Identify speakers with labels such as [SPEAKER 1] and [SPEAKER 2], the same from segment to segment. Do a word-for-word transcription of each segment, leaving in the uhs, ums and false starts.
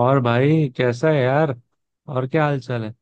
[SPEAKER 1] और भाई कैसा है यार। और क्या हाल चाल है।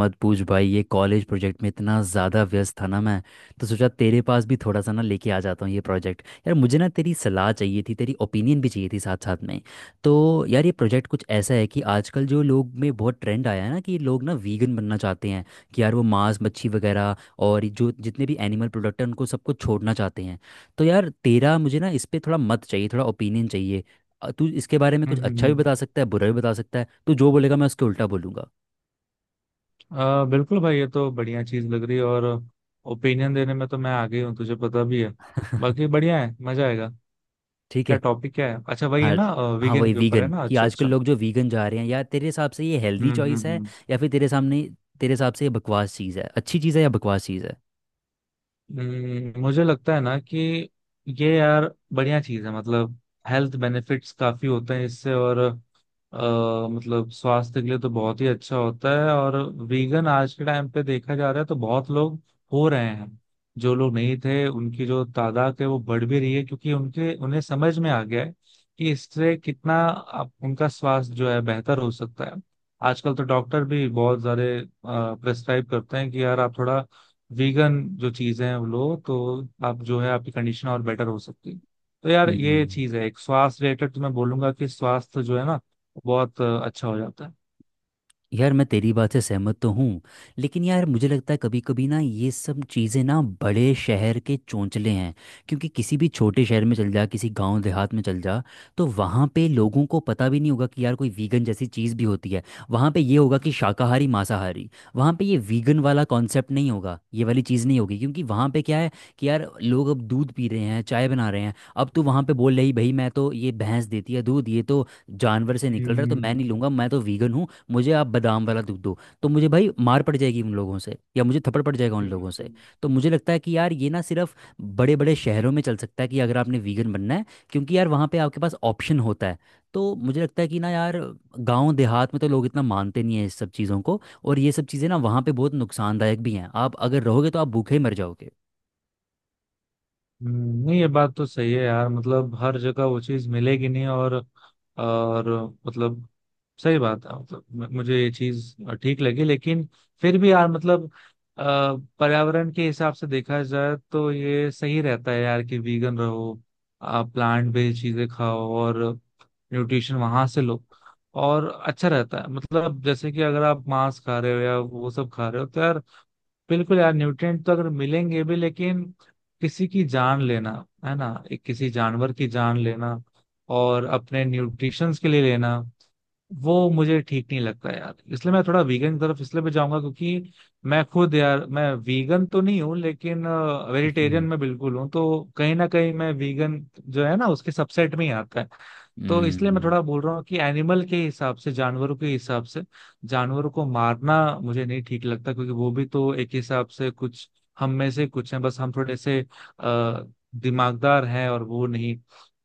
[SPEAKER 2] मत पूछ भाई। ये कॉलेज प्रोजेक्ट में इतना ज़्यादा व्यस्त था ना मैं। तो सोचा तेरे पास भी थोड़ा सा ना लेके आ जाता हूँ ये प्रोजेक्ट। यार मुझे ना तेरी सलाह चाहिए थी, तेरी ओपिनियन भी चाहिए थी साथ साथ में। तो यार ये प्रोजेक्ट कुछ ऐसा है कि आजकल जो लोग में बहुत ट्रेंड आया है ना कि लोग ना वीगन बनना चाहते हैं। कि यार वो मांस मच्छी वगैरह और जो जितने भी एनिमल प्रोडक्ट हैं उनको सबको छोड़ना चाहते हैं। तो यार तेरा मुझे ना इस पे थोड़ा मत चाहिए, थोड़ा ओपिनियन चाहिए। अ, तू इसके बारे में कुछ
[SPEAKER 1] हम्म हम्म,
[SPEAKER 2] अच्छा भी
[SPEAKER 1] हम्म।
[SPEAKER 2] बता सकता है, बुरा भी बता सकता है। तू जो बोलेगा मैं उसके उल्टा बोलूँगा।
[SPEAKER 1] आ, बिल्कुल भाई, ये तो बढ़िया चीज लग रही है। और ओपिनियन देने में तो मैं आ गई हूँ, तुझे पता भी है। बाकी बढ़िया है, मजा आएगा।
[SPEAKER 2] ठीक
[SPEAKER 1] क्या
[SPEAKER 2] है।
[SPEAKER 1] टॉपिक, क्या है, अच्छा वही है
[SPEAKER 2] हाँ।
[SPEAKER 1] ना।
[SPEAKER 2] हाँ
[SPEAKER 1] वीगेन
[SPEAKER 2] वही
[SPEAKER 1] के ऊपर है
[SPEAKER 2] वीगन
[SPEAKER 1] ना,
[SPEAKER 2] कि
[SPEAKER 1] अच्छा
[SPEAKER 2] आजकल
[SPEAKER 1] अच्छा।
[SPEAKER 2] लोग जो वीगन जा रहे हैं, यार तेरे हिसाब से ये
[SPEAKER 1] हम्म
[SPEAKER 2] हेल्दी
[SPEAKER 1] हम्म
[SPEAKER 2] चॉइस है?
[SPEAKER 1] हम्म
[SPEAKER 2] या फिर तेरे सामने, तेरे हिसाब से ये बकवास चीज़ है? अच्छी चीज़ है या बकवास चीज़ है?
[SPEAKER 1] हम्म, मुझे लगता है ना कि ये यार बढ़िया चीज है। मतलब हेल्थ बेनिफिट्स काफी होते हैं इससे। और अ, मतलब स्वास्थ्य के लिए तो बहुत ही अच्छा होता है। और वीगन आज के टाइम पे देखा जा रहा है तो बहुत लोग हो रहे हैं। जो लोग नहीं थे उनकी जो तादाद है वो बढ़ भी रही है, क्योंकि उनके उन्हें समझ में आ गया है कि इससे कितना आप, उनका स्वास्थ्य जो है बेहतर हो सकता है। आजकल तो डॉक्टर भी बहुत सारे प्रेस्क्राइब करते हैं कि यार आप थोड़ा वीगन जो चीजें हैं वो लो तो आप जो है आपकी कंडीशन और बेटर हो सकती है। तो यार ये
[SPEAKER 2] हम्म।
[SPEAKER 1] चीज है एक स्वास्थ्य रिलेटेड, तो मैं बोलूंगा कि स्वास्थ्य जो है ना बहुत अ, अच्छा हो जाता है।
[SPEAKER 2] यार मैं तेरी बात से सहमत तो हूँ। लेकिन यार मुझे लगता है कभी कभी ना ये सब चीज़ें ना बड़े शहर के चोंचले हैं। क्योंकि किसी भी छोटे शहर में चल जा, किसी गांव देहात में चल जा। तो वहाँ पे लोगों को पता भी नहीं होगा कि यार कोई वीगन जैसी चीज़ भी होती है। वहाँ पे ये होगा कि शाकाहारी मांसाहारी। वहाँ पे ये वीगन वाला कॉन्सेप्ट नहीं होगा, ये वाली चीज़ नहीं होगी, क्योंकि वहाँ पे क्या है? कि यार लोग अब दूध पी रहे हैं, चाय बना रहे हैं। अब तू वहाँ पे बोल रही, भाई मैं तो ये भैंस देती है दूध, ये तो जानवर से निकल रहा है, तो मैं नहीं
[SPEAKER 1] हम्म
[SPEAKER 2] लूँगा, मैं तो वीगन हूँ। मुझे आप बादाम वाला दूध दो तो मुझे भाई मार पड़ जाएगी उन लोगों से, या मुझे थप्पड़ पड़ जाएगा उन लोगों से।
[SPEAKER 1] हम्म।
[SPEAKER 2] तो मुझे लगता है कि यार ये ना सिर्फ बड़े बड़े शहरों में चल सकता है कि अगर आपने वीगन बनना है। क्योंकि यार वहाँ पे आपके पास ऑप्शन होता है। तो मुझे लगता है कि ना यार, गांव देहात में तो लोग इतना मानते नहीं है इस सब चीज़ों को। और ये सब चीज़ें ना वहाँ पे बहुत नुकसानदायक भी हैं, आप अगर रहोगे तो आप भूखे ही मर जाओगे।
[SPEAKER 1] हम्म, नहीं, ये बात तो सही है यार। मतलब हर जगह वो चीज मिलेगी नहीं। और और मतलब सही बात है। मतलब म- मुझे ये चीज ठीक लगी, लेकिन फिर भी यार मतलब अ, पर्यावरण के हिसाब से देखा जाए तो ये सही रहता है यार कि वीगन रहो। आप प्लांट बेस्ड चीजें खाओ और न्यूट्रिशन वहां से लो, और अच्छा रहता है। मतलब जैसे कि अगर आप मांस खा रहे हो या वो सब खा रहे हो तो यार बिल्कुल यार न्यूट्रिएंट तो अगर मिलेंगे भी, लेकिन किसी की जान लेना, है ना, एक किसी जानवर की जान लेना और अपने न्यूट्रिशंस के लिए लेना, वो मुझे ठीक नहीं लगता यार। इसलिए मैं थोड़ा वीगन की तरफ इसलिए भी जाऊंगा क्योंकि मैं खुद यार, मैं वीगन तो नहीं हूँ लेकिन वेजिटेरियन
[SPEAKER 2] हम्म,
[SPEAKER 1] में बिल्कुल हूँ, तो कहीं ना कहीं मैं वीगन जो है ना उसके सबसेट में ही आता है। तो इसलिए मैं
[SPEAKER 2] हम्म,
[SPEAKER 1] थोड़ा बोल रहा हूँ कि एनिमल के हिसाब से, जानवरों के हिसाब से, जानवरों को मारना मुझे नहीं ठीक लगता, क्योंकि वो भी तो एक हिसाब से कुछ हम में से कुछ हैं। बस हम थोड़े से आ, दिमागदार हैं और वो नहीं।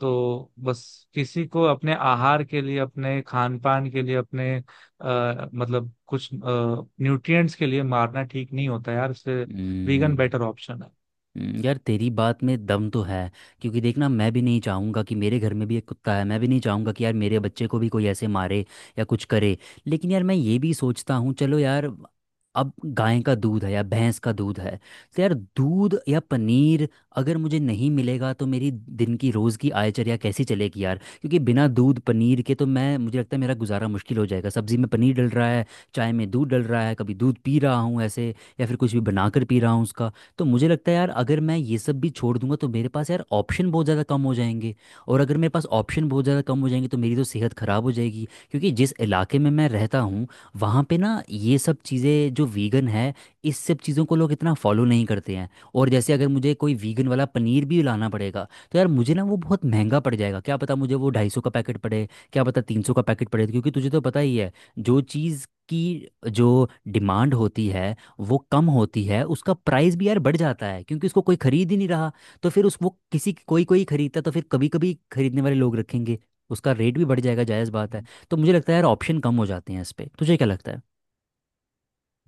[SPEAKER 1] तो बस किसी को अपने आहार के लिए, अपने खान पान के लिए, अपने आ, मतलब कुछ न्यूट्रिएंट्स के लिए मारना ठीक नहीं होता यार। इससे
[SPEAKER 2] हम्म,
[SPEAKER 1] वीगन बेटर ऑप्शन है।
[SPEAKER 2] हम्म। यार तेरी बात में दम तो है। क्योंकि देखना, मैं भी नहीं चाहूँगा कि मेरे घर में भी एक कुत्ता है, मैं भी नहीं चाहूँगा कि यार मेरे बच्चे को भी कोई ऐसे मारे या कुछ करे। लेकिन यार मैं ये भी सोचता हूँ चलो यार, अब गाय का दूध है या भैंस का दूध है, तो यार दूध या पनीर अगर मुझे नहीं मिलेगा तो मेरी दिन की रोज़ की आयचर्या कैसी चलेगी यार, क्योंकि बिना दूध पनीर के तो मैं मुझे लगता है मेरा गुजारा मुश्किल हो जाएगा। सब्जी में पनीर डल रहा है, चाय में दूध डल रहा है, कभी दूध पी रहा हूँ ऐसे, या फिर कुछ भी बनाकर पी रहा हूँ उसका। तो मुझे लगता है यार अगर मैं ये सब भी छोड़ दूंगा तो मेरे पास यार ऑप्शन बहुत ज़्यादा कम हो जाएंगे। और अगर मेरे पास ऑप्शन बहुत ज़्यादा कम हो जाएंगे तो मेरी तो सेहत ख़राब हो जाएगी, क्योंकि जिस इलाके में मैं रहता हूँ वहाँ पे ना ये सब चीज़ें जो वीगन है, इस सब चीज़ों को लोग इतना फॉलो नहीं करते हैं। और जैसे अगर मुझे कोई वीगन वाला पनीर भी लाना पड़ेगा तो यार मुझे ना वो बहुत महंगा पड़ जाएगा। क्या पता मुझे वो ढाई सौ का पैकेट पड़े, क्या पता तीन सौ का पैकेट पड़े, क्योंकि तुझे तो पता ही है। जो चीज़ की जो डिमांड होती है वो कम होती है, उसका प्राइस भी यार बढ़ जाता है, क्योंकि उसको कोई खरीद ही नहीं रहा। तो फिर उस वो किसी कोई कोई खरीदता, तो फिर कभी कभी खरीदने वाले लोग रखेंगे। उसका रेट भी बढ़ जाएगा, जायज़ बात है। तो मुझे लगता है यार ऑप्शन कम हो जाते हैं, इस पे तुझे क्या लगता है?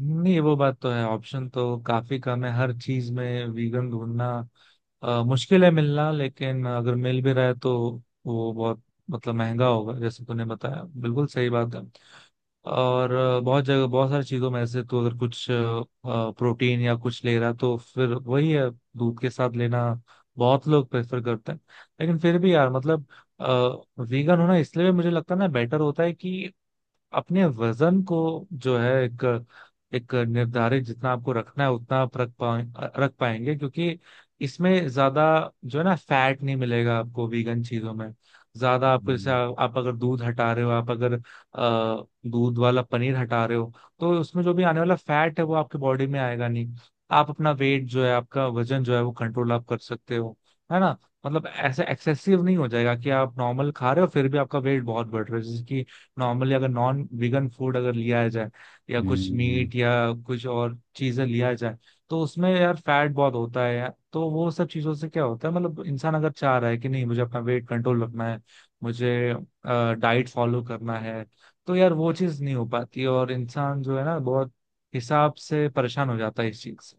[SPEAKER 1] नहीं, वो बात तो है, ऑप्शन तो काफी कम है, हर चीज में वीगन ढूंढना अ, मुश्किल है मिलना। लेकिन अगर मिल भी रहा है तो वो बहुत, मतलब महंगा होगा, जैसे तूने बताया, बिल्कुल सही बात है। और अ, बहुत जगह बहुत सारी चीजों में ऐसे तो अगर कुछ अ, प्रोटीन या कुछ ले रहा तो फिर वही है, दूध के साथ लेना बहुत लोग प्रेफर करते हैं। लेकिन फिर भी यार मतलब वीगन होना इसलिए भी मुझे लगता है ना बेटर होता है कि अपने वजन को जो है एक एक निर्धारित, जितना आपको रखना है उतना आप रख पाए रख पाएंगे, क्योंकि इसमें ज्यादा जो है ना फैट नहीं मिलेगा आपको वीगन चीजों में ज्यादा। आपको जैसे आ,
[SPEAKER 2] हम्म।
[SPEAKER 1] आप अगर दूध हटा रहे हो, आप अगर अ, दूध वाला पनीर हटा रहे हो, तो उसमें जो भी आने वाला फैट है वो आपके बॉडी में आएगा नहीं। आप अपना वेट जो है, आपका वजन जो है वो कंट्रोल आप कर सकते हो, है ना। मतलब ऐसे एक्सेसिव नहीं हो जाएगा कि आप नॉर्मल खा रहे हो फिर भी आपका वेट बहुत बढ़ रहा है। जैसे कि नॉर्मली अगर नॉन वीगन फूड अगर लिया जाए या कुछ
[SPEAKER 2] हम्म।
[SPEAKER 1] मीट या कुछ और चीजें लिया जाए तो उसमें यार फैट बहुत होता है यार। तो वो सब चीजों से क्या होता है, मतलब इंसान अगर चाह रहा है कि नहीं मुझे अपना वेट कंट्रोल रखना है, मुझे डाइट फॉलो करना है, तो यार वो चीज नहीं हो पाती और इंसान जो है ना बहुत हिसाब से परेशान हो जाता है इस चीज से।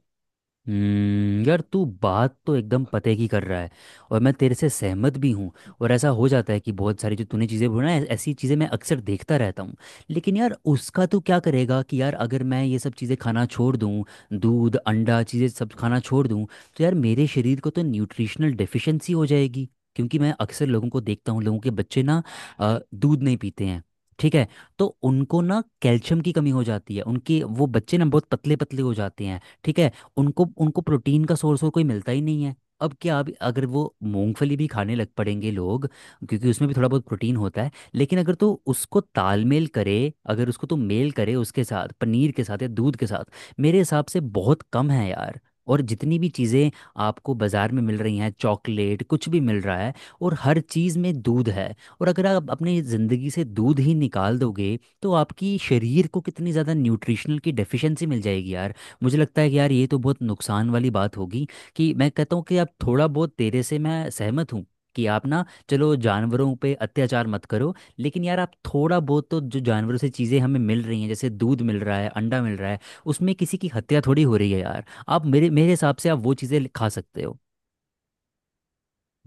[SPEAKER 2] हम्म। यार तू बात तो एकदम पते की कर रहा है। और मैं तेरे से सहमत भी हूँ। और ऐसा हो जाता है कि बहुत सारी जो तूने चीज़ें बोला ना ऐ- ऐसी चीज़ें मैं अक्सर देखता रहता हूँ। लेकिन यार उसका तू क्या करेगा कि यार अगर मैं ये सब चीज़ें खाना छोड़ दूँ, दूध अंडा चीज़ें सब खाना छोड़ दूँ। तो यार मेरे शरीर को तो न्यूट्रिशनल डेफिशिएंसी हो जाएगी। क्योंकि मैं अक्सर लोगों को देखता हूँ, लोगों के बच्चे ना अ, दूध नहीं पीते हैं। ठीक है। तो उनको ना कैल्शियम की कमी हो जाती है, उनके वो बच्चे ना बहुत पतले पतले हो जाते हैं, ठीक है। उनको उनको प्रोटीन का सोर्स और कोई मिलता ही नहीं है। अब क्या, अब अगर वो मूंगफली भी खाने लग पड़ेंगे लोग, क्योंकि उसमें भी थोड़ा बहुत प्रोटीन होता है, लेकिन अगर तो उसको तालमेल करे, अगर उसको तो मेल करे उसके साथ पनीर के साथ या दूध के साथ, मेरे हिसाब से बहुत कम है यार। और जितनी भी चीज़ें आपको बाज़ार में मिल रही हैं, चॉकलेट कुछ भी मिल रहा है, और हर चीज़ में दूध है। और अगर आप अपनी ज़िंदगी से दूध ही निकाल दोगे तो आपकी शरीर को कितनी ज़्यादा न्यूट्रिशनल की डेफिशिएंसी मिल जाएगी यार। मुझे लगता है कि यार ये तो बहुत नुकसान वाली बात होगी। कि मैं कहता हूँ कि आप थोड़ा बहुत तेरे से मैं सहमत हूँ कि आप ना, चलो जानवरों पे अत्याचार मत करो, लेकिन यार आप थोड़ा बहुत तो, जो जानवरों से चीज़ें हमें मिल रही हैं, जैसे दूध मिल रहा है, अंडा मिल रहा है, उसमें किसी की हत्या थोड़ी हो रही है यार। आप मेरे मेरे हिसाब से आप वो चीज़ें खा सकते हो।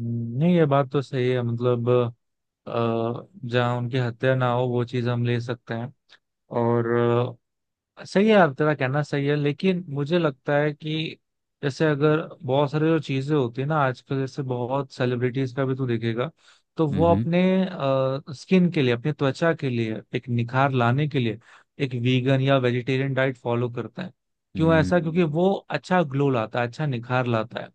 [SPEAKER 1] नहीं, ये बात तो सही है। मतलब अ, जहाँ उनकी हत्या ना हो वो चीज हम ले सकते हैं, और सही है। आप- तेरा कहना सही है, लेकिन मुझे लगता है कि जैसे अगर बहुत सारी जो चीजें होती है ना आजकल, जैसे बहुत सेलिब्रिटीज का भी तू देखेगा तो वो
[SPEAKER 2] हम्म।
[SPEAKER 1] अपने स्किन के लिए, अपनी त्वचा के लिए, एक निखार लाने के लिए एक वीगन या वेजिटेरियन डाइट फॉलो करते हैं। क्यों ऐसा? क्योंकि
[SPEAKER 2] हम्म।
[SPEAKER 1] वो अच्छा ग्लो लाता है, अच्छा निखार लाता है।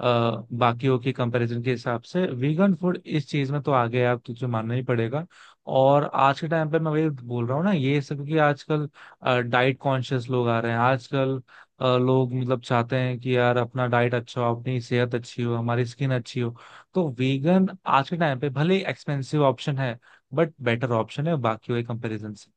[SPEAKER 1] अ, बाकियों के कंपैरिजन के हिसाब से वीगन फूड इस चीज में तो आगे है, आप तुझे मानना ही पड़ेगा। और आज के टाइम पे मैं वही बोल रहा हूँ ना ये सब, क्योंकि आजकल डाइट कॉन्शियस लोग आ रहे हैं आजकल। अ, लोग मतलब चाहते हैं कि यार अपना डाइट अच्छा हो, अपनी सेहत अच्छी हो, हमारी स्किन अच्छी हो। तो वीगन आज के टाइम पे भले एक्सपेंसिव ऑप्शन है बट बेटर ऑप्शन है, बाकी के कंपैरिजन से।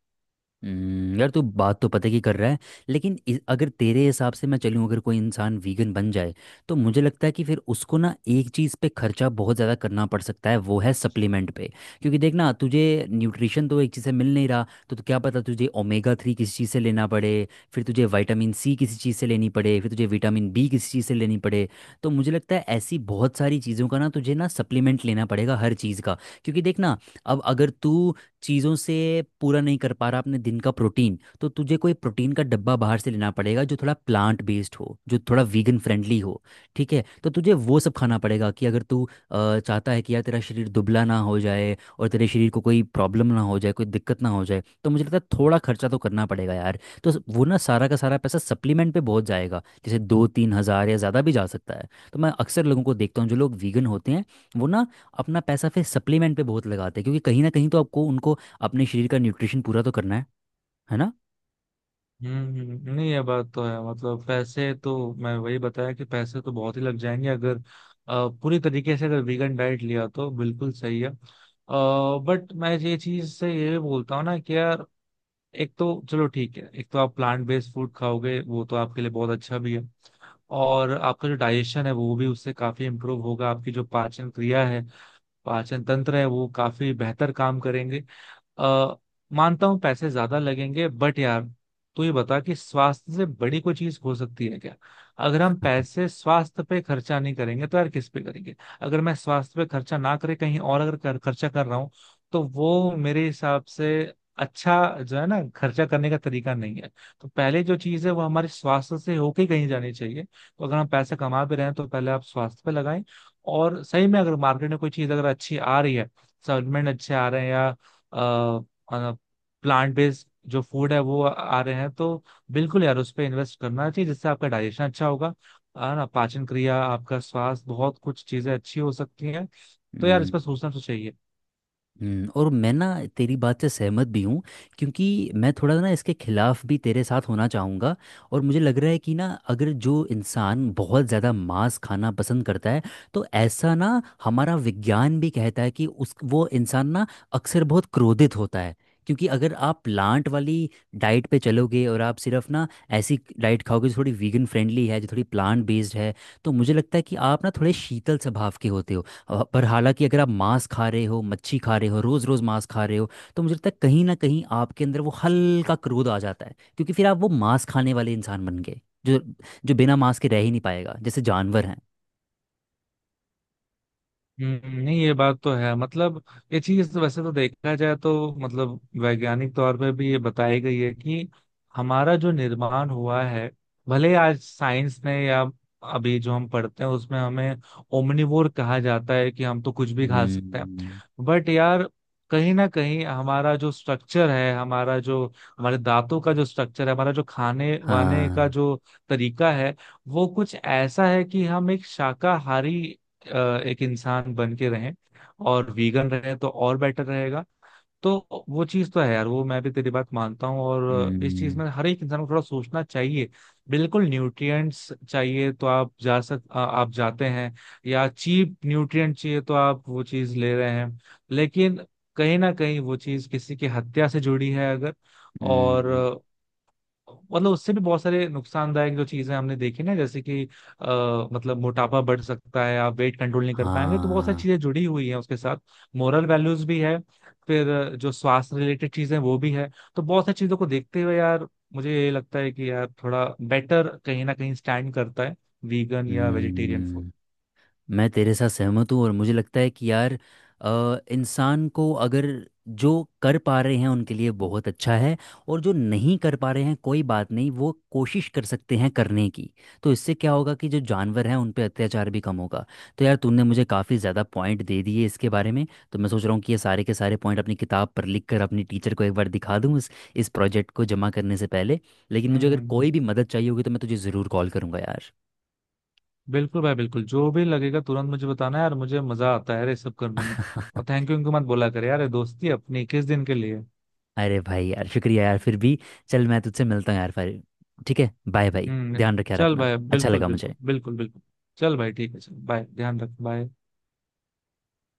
[SPEAKER 2] हम्म। यार तू बात तो पते की कर रहा है। लेकिन इ- अगर तेरे हिसाब से मैं चलूँ, अगर कोई इंसान वीगन बन जाए तो मुझे लगता है कि फिर उसको ना एक चीज़ पे खर्चा बहुत ज़्यादा करना पड़ सकता है, वो है सप्लीमेंट पे। क्योंकि देख ना, तुझे न्यूट्रिशन तो एक चीज़ से मिल नहीं रहा तो, तो क्या पता तुझे ओमेगा थ्री किसी चीज़ से लेना पड़े, फिर तुझे विटामिन सी किसी चीज़ से लेनी पड़े, फिर तुझे विटामिन बी किसी चीज़ से लेनी पड़े। तो मुझे लगता है ऐसी बहुत सारी चीज़ों का ना तुझे ना सप्लीमेंट लेना पड़ेगा हर चीज़ का। क्योंकि देख ना, अब अगर तू चीज़ों से पूरा नहीं कर पा रहा अपने दिन का प्रोटीन, तो तुझे कोई प्रोटीन का डब्बा बाहर से लेना पड़ेगा जो थोड़ा प्लांट बेस्ड हो, जो थोड़ा वीगन फ्रेंडली हो। ठीक है, तो तुझे वो सब खाना पड़ेगा कि अगर तू अ, चाहता है कि यार तेरा शरीर दुबला ना हो जाए और तेरे शरीर को कोई प्रॉब्लम ना हो जाए, कोई दिक्कत ना हो जाए, तो मुझे लगता है थोड़ा खर्चा तो करना पड़ेगा यार। तो वो ना सारा का सारा पैसा सप्लीमेंट पे बहुत जाएगा, जैसे दो तीन हज़ार या ज़्यादा भी जा सकता है, तो मैं अक्सर लोगों को देखता हूँ जो लोग वीगन होते हैं, वो ना अपना पैसा फिर सप्लीमेंट पे बहुत लगाते हैं, क्योंकि कहीं ना कहीं तो आपको उनको अपने शरीर का न्यूट्रिशन पूरा तो करना है है ना।
[SPEAKER 1] हम्म हम्म, नहीं, ये बात तो है। मतलब पैसे तो, मैं वही बताया कि पैसे तो बहुत ही लग जाएंगे अगर अ, पूरी तरीके से अगर वीगन डाइट लिया, तो बिल्कुल सही है। बट मैं ये चीज से ये भी बोलता हूँ ना कि यार एक तो चलो ठीक है, एक तो आप प्लांट बेस्ड फूड खाओगे वो तो आपके लिए बहुत अच्छा भी है, और आपका जो डाइजेशन है वो भी उससे काफी इम्प्रूव होगा। आपकी जो पाचन क्रिया है, पाचन तंत्र है, वो काफी बेहतर काम करेंगे। अ, मानता हूँ पैसे ज्यादा लगेंगे बट यार, तू ये बता कि स्वास्थ्य से बड़ी कोई चीज हो सकती है क्या? अगर हम पैसे स्वास्थ्य पे खर्चा नहीं करेंगे तो यार किस पे करेंगे? अगर मैं स्वास्थ्य पे खर्चा ना करे कहीं और अगर कर, खर्चा कर रहा हूँ, तो वो मेरे हिसाब से अच्छा जो है ना खर्चा करने का तरीका नहीं है। तो पहले जो चीज है वो हमारे स्वास्थ्य से होके ही कहीं जानी चाहिए। तो अगर हम पैसे कमा भी रहे हैं तो पहले आप स्वास्थ्य पे लगाएं। और सही में अगर मार्केट में कोई चीज अगर अच्छी आ रही है, सप्लीमेंट अच्छे आ रहे हैं या प्लांट बेस्ड जो फूड है वो आ रहे हैं, तो बिल्कुल यार उस पर इन्वेस्ट करना चाहिए, जिससे आपका डाइजेशन अच्छा होगा, है ना, पाचन क्रिया, आपका स्वास्थ्य, बहुत कुछ चीजें अच्छी हो सकती हैं। तो यार इस पर
[SPEAKER 2] हम्म,
[SPEAKER 1] सोचना तो चाहिए।
[SPEAKER 2] हम्म। और मैं ना तेरी बात से सहमत भी हूँ। क्योंकि मैं थोड़ा ना इसके खिलाफ भी तेरे साथ होना चाहूँगा। और मुझे लग रहा है कि ना अगर जो इंसान बहुत ज़्यादा मांस खाना पसंद करता है, तो ऐसा ना हमारा विज्ञान भी कहता है कि उस वो इंसान ना अक्सर बहुत क्रोधित होता है। क्योंकि अगर आप प्लांट वाली डाइट पे चलोगे और आप सिर्फ ना ऐसी डाइट खाओगे जो थोड़ी वीगन फ्रेंडली है, जो थोड़ी प्लांट बेस्ड है, तो मुझे लगता है कि आप ना थोड़े शीतल स्वभाव के होते हो। अ, पर हालांकि अगर आप मांस खा रहे हो, मच्छी खा रहे हो, रोज़ रोज़ मांस खा रहे हो, तो मुझे लगता है कहीं ना कहीं आपके अंदर वो हल्का क्रोध आ जाता है, क्योंकि फिर आप वो मांस खाने वाले इंसान बन गए जो जो बिना मांस के रह ही नहीं पाएगा जैसे जानवर हैं।
[SPEAKER 1] हम्म, नहीं, ये बात तो है। मतलब ये चीज तो वैसे तो देखा जाए तो मतलब वैज्ञानिक तौर पे भी ये बताई गई है कि हमारा जो निर्माण हुआ है, भले आज साइंस ने या अभी जो हम पढ़ते हैं उसमें हमें ओमनिवोर कहा जाता है कि हम तो कुछ भी खा सकते हैं,
[SPEAKER 2] हम्म,
[SPEAKER 1] बट यार कहीं ना कहीं हमारा जो स्ट्रक्चर है, हमारा जो हमारे दांतों का जो स्ट्रक्चर है, हमारा जो खाने वाने का
[SPEAKER 2] हाँ,
[SPEAKER 1] जो तरीका है, वो कुछ ऐसा है कि हम एक शाकाहारी अ, एक इंसान बन के रहें और वीगन रहे तो और बेटर रहेगा। तो वो चीज तो है यार, वो मैं भी तेरी बात मानता हूँ, और इस चीज
[SPEAKER 2] हम्म,
[SPEAKER 1] में हर एक इंसान को थोड़ा सोचना चाहिए। बिल्कुल न्यूट्रिएंट्स चाहिए तो आप जा सक आ, आप जाते हैं, या चीप न्यूट्रिएंट चाहिए तो आप वो चीज ले रहे हैं, लेकिन कहीं ना कहीं वो चीज किसी की हत्या से जुड़ी है अगर। और
[SPEAKER 2] हम्म,
[SPEAKER 1] मतलब उससे भी बहुत सारे नुकसानदायक जो चीजें हमने देखी ना, जैसे कि आ, मतलब मोटापा बढ़ सकता है, आप वेट कंट्रोल नहीं कर पाएंगे, तो बहुत सारी
[SPEAKER 2] हाँ,
[SPEAKER 1] चीजें जुड़ी हुई हैं उसके साथ। मोरल वैल्यूज भी है, फिर अ, जो स्वास्थ्य रिलेटेड चीजें हैं, वो भी है। तो बहुत सारी चीजों को देखते हुए यार, मुझे ये लगता है कि यार थोड़ा बेटर कहीं ना कहीं स्टैंड करता है वीगन या वेजिटेरियन फूड।
[SPEAKER 2] हम्म। मैं तेरे साथ सहमत हूँ और मुझे लगता है कि यार अ, इंसान को अगर जो कर पा रहे हैं उनके लिए बहुत अच्छा है। और जो नहीं कर पा रहे हैं कोई बात नहीं, वो कोशिश कर सकते हैं करने की। तो इससे क्या होगा कि जो जानवर हैं उन पे अत्याचार भी कम होगा। तो यार तूने मुझे काफ़ी ज़्यादा पॉइंट दे दिए इसके बारे में। तो मैं सोच रहा हूँ कि ये सारे के सारे पॉइंट अपनी किताब पर लिख कर अपनी टीचर को एक बार दिखा दूँ इस इस प्रोजेक्ट को जमा करने से पहले। लेकिन
[SPEAKER 1] हम्म
[SPEAKER 2] मुझे
[SPEAKER 1] हम्म,
[SPEAKER 2] अगर
[SPEAKER 1] हम्म।
[SPEAKER 2] कोई भी मदद चाहिए होगी तो मैं तुझे ज़रूर कॉल करूँगा यार।
[SPEAKER 1] बिल्कुल भाई, बिल्कुल, जो भी लगेगा तुरंत मुझे बताना यार। मुझे मजा आता है यार ये सब करने में। और थैंक यू इनको मत बोला करे यार, ये दोस्ती अपनी किस दिन के लिए।
[SPEAKER 2] अरे भाई यार शुक्रिया यार फिर भी। चल मैं तुझसे मिलता हूँ यार फिर। ठीक है, बाय भाई,
[SPEAKER 1] हम्म।
[SPEAKER 2] ध्यान रखे यार
[SPEAKER 1] चल
[SPEAKER 2] अपना,
[SPEAKER 1] भाई,
[SPEAKER 2] अच्छा
[SPEAKER 1] बिल्कुल
[SPEAKER 2] लगा मुझे।
[SPEAKER 1] बिल्कुल बिल्कुल बिल्कुल। चल भाई ठीक है, चल बाय, ध्यान रख, बाय।